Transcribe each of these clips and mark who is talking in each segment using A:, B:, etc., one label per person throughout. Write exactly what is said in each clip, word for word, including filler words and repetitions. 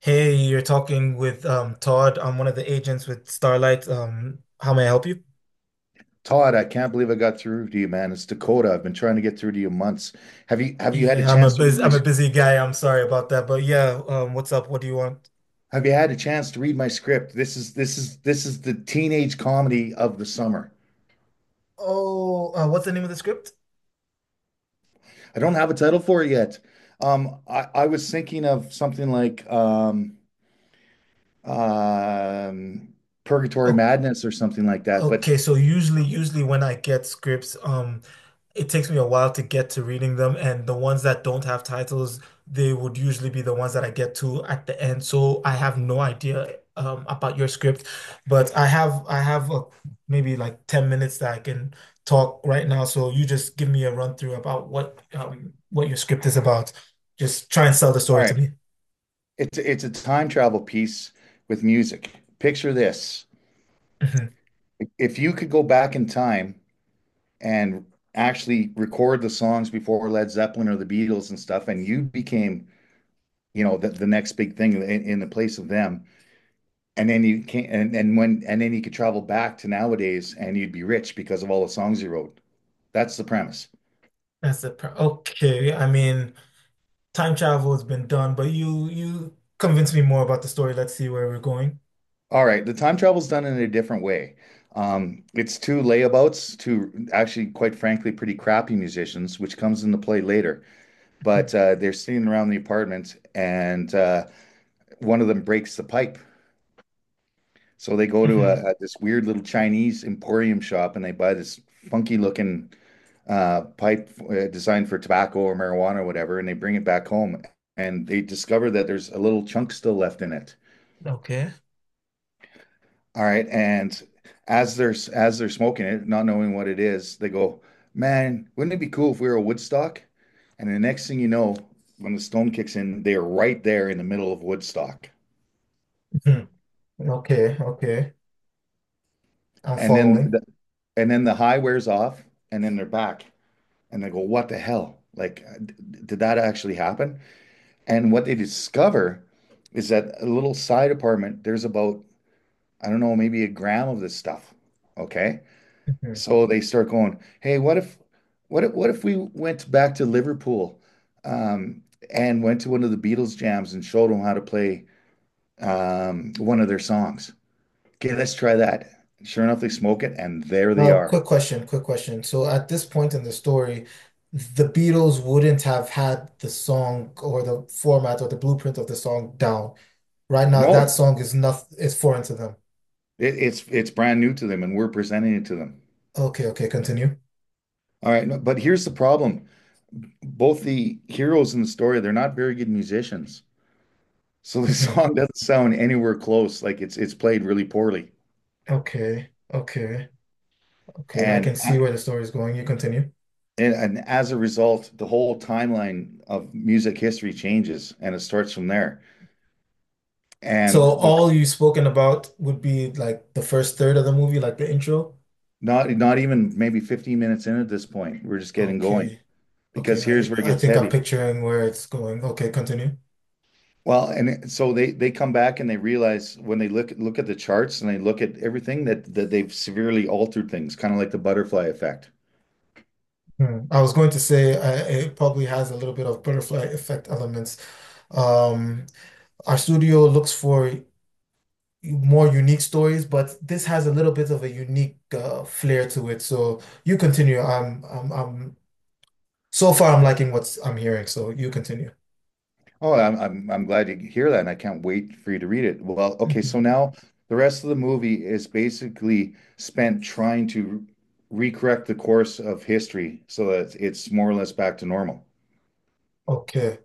A: Hey, you're talking with um Todd. I'm one of the agents with Starlight. Um, how may I help you?
B: Todd, I can't believe I got through to you, man. It's Dakota. I've been trying to get through to you months. Have you have you had a
A: Yeah, I'm a
B: chance to
A: bus
B: read my
A: I'm a busy guy. I'm sorry about that, but yeah, um, what's up? What do you want?
B: have you had a chance to read my script? This is this is this is the teenage comedy of the summer.
A: Oh, uh, what's the name of the script?
B: I don't have a title for it yet. Um, I, I was thinking of something like um, um, Purgatory
A: Oh,
B: Madness or something like that. But
A: okay, so usually usually when I get scripts, um, it takes me a while to get to reading them, and the ones that don't have titles, they would usually be the ones that I get to at the end. So I have no idea um about your script, but I have I have uh, maybe like ten minutes that I can talk right now. So you just give me a run through about what um what your script is about. Just try and sell the
B: all
A: story to
B: right,
A: me.
B: it's it's a time travel piece with music. Picture this.
A: Mhm.
B: If you could go back in time and actually record the songs before Led Zeppelin or the Beatles and stuff, and you became, you know, the, the, next big thing in, in the place of them. And then you can and, and when and then you could travel back to nowadays and you'd be rich because of all the songs you wrote. That's the premise.
A: That's the pro Okay. I mean, time travel has been done, but you you convince me more about the story. Let's see where we're going.
B: All right, the time travel's done in a different way. Um, it's two layabouts, two actually, quite frankly, pretty crappy musicians, which comes into play later.
A: Mhm.
B: But uh, they're sitting around the apartment, and uh, one of them breaks the pipe. So they go to
A: Mhm.
B: a, a this weird little Chinese emporium shop and they buy this funky looking uh, pipe uh, designed for tobacco or marijuana or whatever, and they bring it back home and they discover that there's a little chunk still left in it.
A: Okay.
B: All right, and as they're as they're smoking it, not knowing what it is, they go, "Man, wouldn't it be cool if we were a Woodstock?" And the next thing you know, when the stone kicks in, they are right there in the middle of Woodstock.
A: Mhm. Okay, okay. I'm
B: And then
A: following.
B: the, and then the high wears off, and then they're back. And I go, what the hell? Like, uh, d- did that actually happen? And what they discover is that a little side apartment, there's about, I don't know, maybe a gram of this stuff. Okay.
A: Mhm.
B: So they start going, hey, what if, what if, what if we went back to Liverpool, um, and went to one of the Beatles jams and showed them how to play, um, one of their songs? Okay, let's try that. Sure enough, they smoke it, and there they
A: Uh,
B: are.
A: quick question, quick question. So at this point in the story, the Beatles wouldn't have had the song or the format or the blueprint of the song down. Right now, that
B: No,
A: song is not is foreign to them.
B: it, it's it's brand new to them, and we're presenting it to them.
A: Okay, okay, continue.
B: All right, no, but here's the problem. Both the heroes in the story, they're not very good musicians. So the
A: Mhm.
B: song doesn't sound anywhere close. Like it's it's played really poorly.
A: Okay, okay, okay. I
B: And
A: can see
B: I-
A: where the story is going. You continue.
B: and, and as a result, the whole timeline of music history changes and it starts from there.
A: So
B: And the,
A: all you've spoken about would be like the first third of the movie, like the intro.
B: not not even maybe fifteen minutes in at this point, we're just getting going
A: Okay. Okay.
B: because here's where it
A: I I
B: gets
A: think I'm
B: heavy.
A: picturing where it's going. Okay, continue.
B: Well, and it- so they they come back and they realize when they look look at the charts and they look at everything that that they've severely altered things, kind of like the butterfly effect.
A: Hmm. I was going to say uh, it probably has a little bit of butterfly effect elements. Um, our studio looks for more unique stories, but this has a little bit of a unique uh, flair to it. So you continue. I'm I'm I'm so far I'm liking what I'm hearing. So you continue.
B: Oh, I'm I'm I'm glad to hear that, and I can't wait for you to read it. Well, okay, so
A: Mhm.
B: now the rest of the movie is basically spent trying to recorrect the course of history so that it's more or less back to normal.
A: Okay.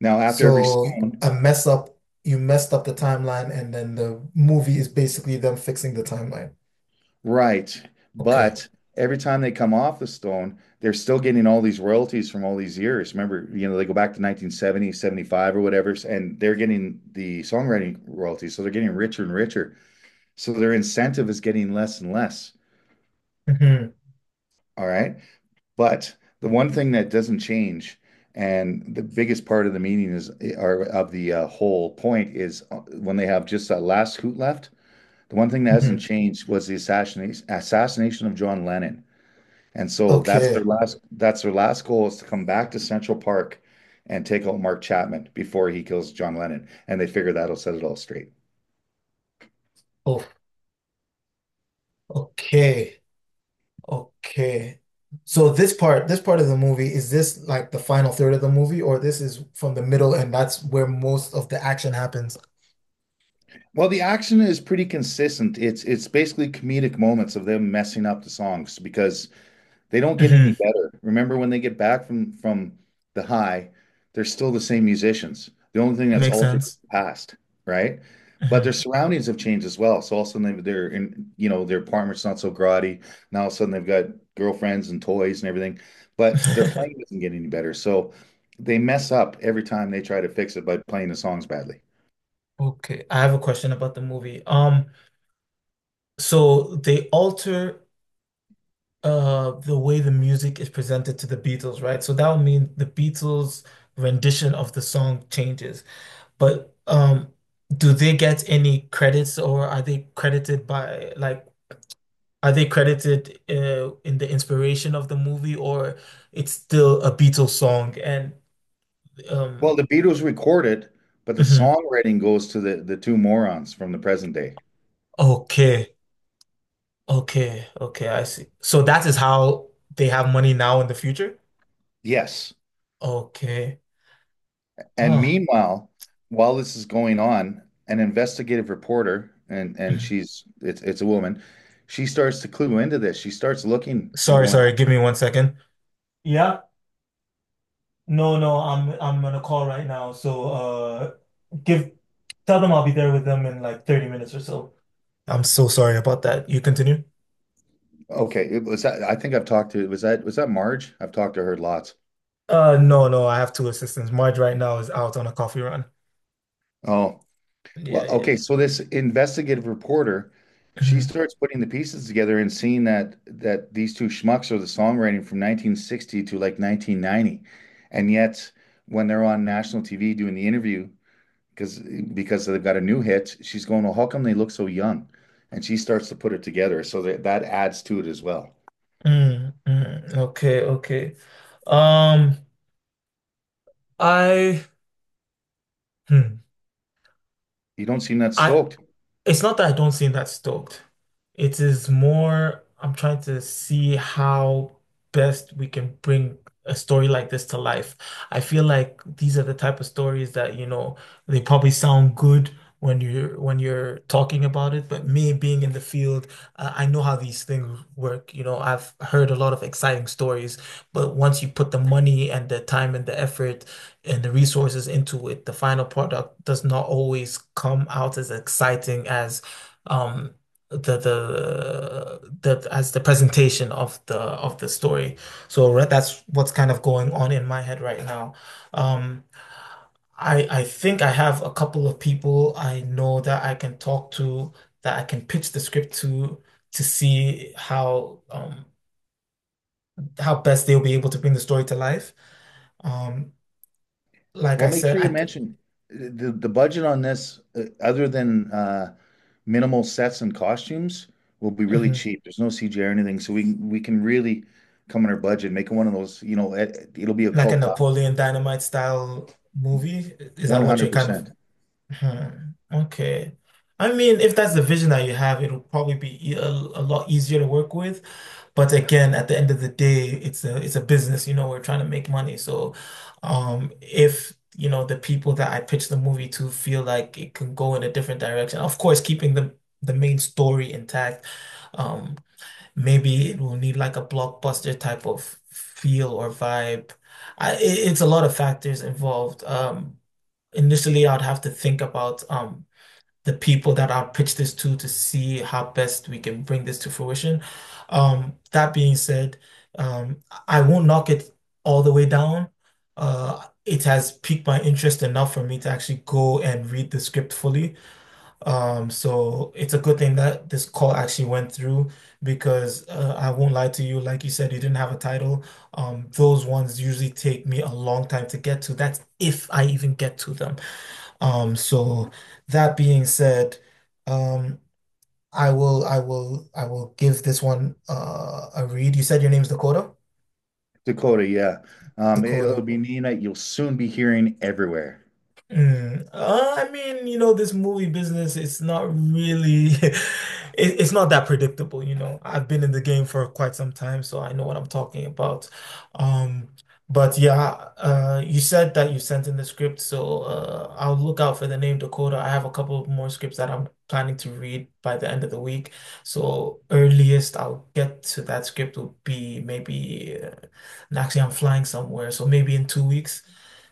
B: Now, after every
A: So a
B: stone,
A: mess up, you messed up the timeline, and then the movie is basically them fixing the timeline.
B: right.
A: Okay.
B: But every time they come off the stone, they're still getting all these royalties from all these years. Remember, you know, they go back to nineteen seventy seventy-five or whatever, and they're getting the songwriting royalties. So they're getting richer and richer. So their incentive is getting less and less.
A: Hmm.
B: All right. But the one thing that doesn't change, and the biggest part of the meaning is, or of the uh, whole point is uh, when they have just that last hoot left, the one thing that hasn't
A: Hmm.
B: changed was the assassination, assassination of John Lennon. And so that's their
A: Okay.
B: last that's their last goal is to come back to Central Park and take out Mark Chapman before he kills John Lennon. And they figure that'll set it all straight.
A: Oh, okay. Okay. So this part, this part of the movie, is this like the final third of the movie, or this is from the middle and that's where most of the action happens?
B: Well, the action is pretty consistent. It's it's basically comedic moments of them messing up the songs because they don't get any
A: Hmm.
B: better. Remember when they get back from from the high, they're still the same musicians. The only thing that's
A: Makes
B: altered is
A: sense.
B: the past, right? But their
A: Hmm.
B: surroundings have changed as well. So all of a sudden they- they're in, you know, their apartment's not so grotty. Now all of a sudden they've got girlfriends and toys and everything, but their playing doesn't get any better. So they mess up every time they try to fix it by playing the songs badly.
A: Okay. I have a question about the movie. Um, so they alter uh the way the music is presented to the Beatles, right? So that would mean the Beatles' rendition of the song changes. But um do they get any credits or are they credited by like, are they credited uh, in the inspiration of the movie or it's still a Beatles song and
B: Well,
A: um
B: the Beatles recorded, but the
A: mhm.
B: songwriting goes to the the two morons from the present day.
A: Okay. Okay. Okay, I see. So that is how they have money now in the future?
B: Yes.
A: Okay.
B: And
A: Oh.
B: meanwhile, while this is going on, an investigative reporter, and and
A: Mhm.
B: she's it's it's a woman, she starts to clue into this. She starts looking and
A: Sorry,
B: going,
A: sorry. Give me one second. Yeah. No, no, I'm I'm on a call right now, so uh give, tell them I'll be there with them in like thirty minutes or so. I'm so sorry about that. You continue?
B: okay, it was that I think I've talked to was that was that Marge? I've talked to her lots.
A: Uh, no, no, I have two assistants. Marge right now is out on a coffee run.
B: Oh,
A: Yeah,
B: well,
A: yeah,
B: okay,
A: yeah.
B: so this investigative reporter, she
A: Mhm.
B: starts putting the pieces together and seeing that that these two schmucks are the songwriting from nineteen sixty to like nineteen ninety. And yet when they're on national T V doing the interview, because because they've got a new hit. She's going, well, how come they look so young? And she starts to put it together. So that that adds to it as well.
A: Mm, mm. Okay, okay. Um, I, hmm.
B: You don't seem that
A: I,
B: stoked.
A: it's not that I don't seem that stoked. It is more, I'm trying to see how best we can bring a story like this to life. I feel like these are the type of stories that, you know, they probably sound good when you're when you're talking about it, but me being in the field, uh, I know how these things work. You know, I've heard a lot of exciting stories, but once you put the money and the time and the effort and the resources into it, the final product does not always come out as exciting as um the the the, as the presentation of the of the story. So re- that's what's kind of going on in my head right now. Um I I think I have a couple of people I know that I can talk to, that I can pitch the script to to see how um how best they'll be able to bring the story to life. Um like
B: Well,
A: I
B: make
A: said
B: sure you
A: I
B: mention uh, the the budget on this, uh, other than uh, minimal sets and costumes, will be really
A: mhm.
B: cheap. There's no C G I or anything, so we can- we can really come on our budget, make it one of those. You know, it, it'll be a
A: Like a
B: cult classic,
A: Napoleon Dynamite style movie? Is that what you're kind of?
B: one hundred percent.
A: Hmm, okay. I mean, if that's the vision that you have, it'll probably be e- a, a lot easier to work with. But again, at the end of the day, it's a it's a business, you know, we're trying to make money. So, um, if, you know, the people that I pitch the movie to feel like it can go in a different direction, of course, keeping the the main story intact. um, Maybe it will need like a blockbuster type of feel or vibe. I, it- it's a lot of factors involved. Um, initially, I'd have to think about um, the people that I'll pitch this to to see how best we can bring this to fruition. Um, that being said, um, I won't knock it all the way down. Uh, it has piqued my interest enough for me to actually go and read the script fully. Um, so it's a good thing that this call actually went through because uh, I won't lie to you, like you said, you didn't have a title. Um, those ones usually take me a long time to get to. That's if I even get to them. Um, so that being said, um, I will, I will, I will give this one uh, a read. You said your name's Dakota?
B: Dakota, yeah. Um, it'll
A: Dakota.
B: be Nina. You'll soon be hearing everywhere.
A: Mm, uh, I mean, you know, this movie business, it's not really, it, it's not that predictable, you know. I've been in the game for quite some time, so I know what I'm talking about. Um, but yeah, uh, you said that you sent in the script, so uh, I'll look out for the name Dakota. I have a couple of more scripts that I'm planning to read by the end of the week. So earliest I'll get to that script will be maybe, uh, and actually I'm flying somewhere, so maybe in two weeks.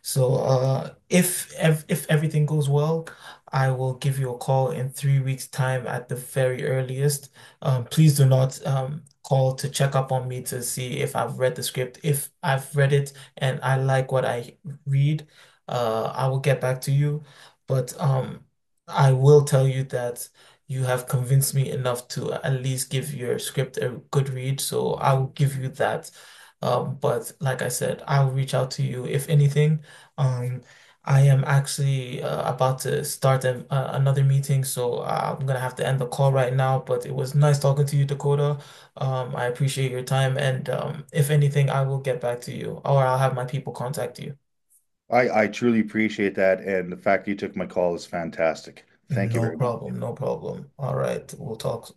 A: So, uh, if ev if everything goes well, I will give you a call in three weeks' time at the very earliest. Um, please do not um call to check up on me to see if I've read the script. If I've read it and I like what I read, uh, I will get back to you. But um, I will tell you that you have convinced me enough to at least give your script a good read. So I will give you that. Um, but like I said, I'll reach out to you if anything. Um, I am actually uh, about to start a, uh, another meeting, so uh, I'm gonna have to end the call right now. But it was nice talking to you, Dakota. Um, I appreciate your time, and um, if anything, I will get back to you, or I'll have my people contact you.
B: I I truly appreciate that, and the fact you took my call is fantastic. Thank you
A: No
B: very much.
A: problem, no problem. All right, we'll talk soon.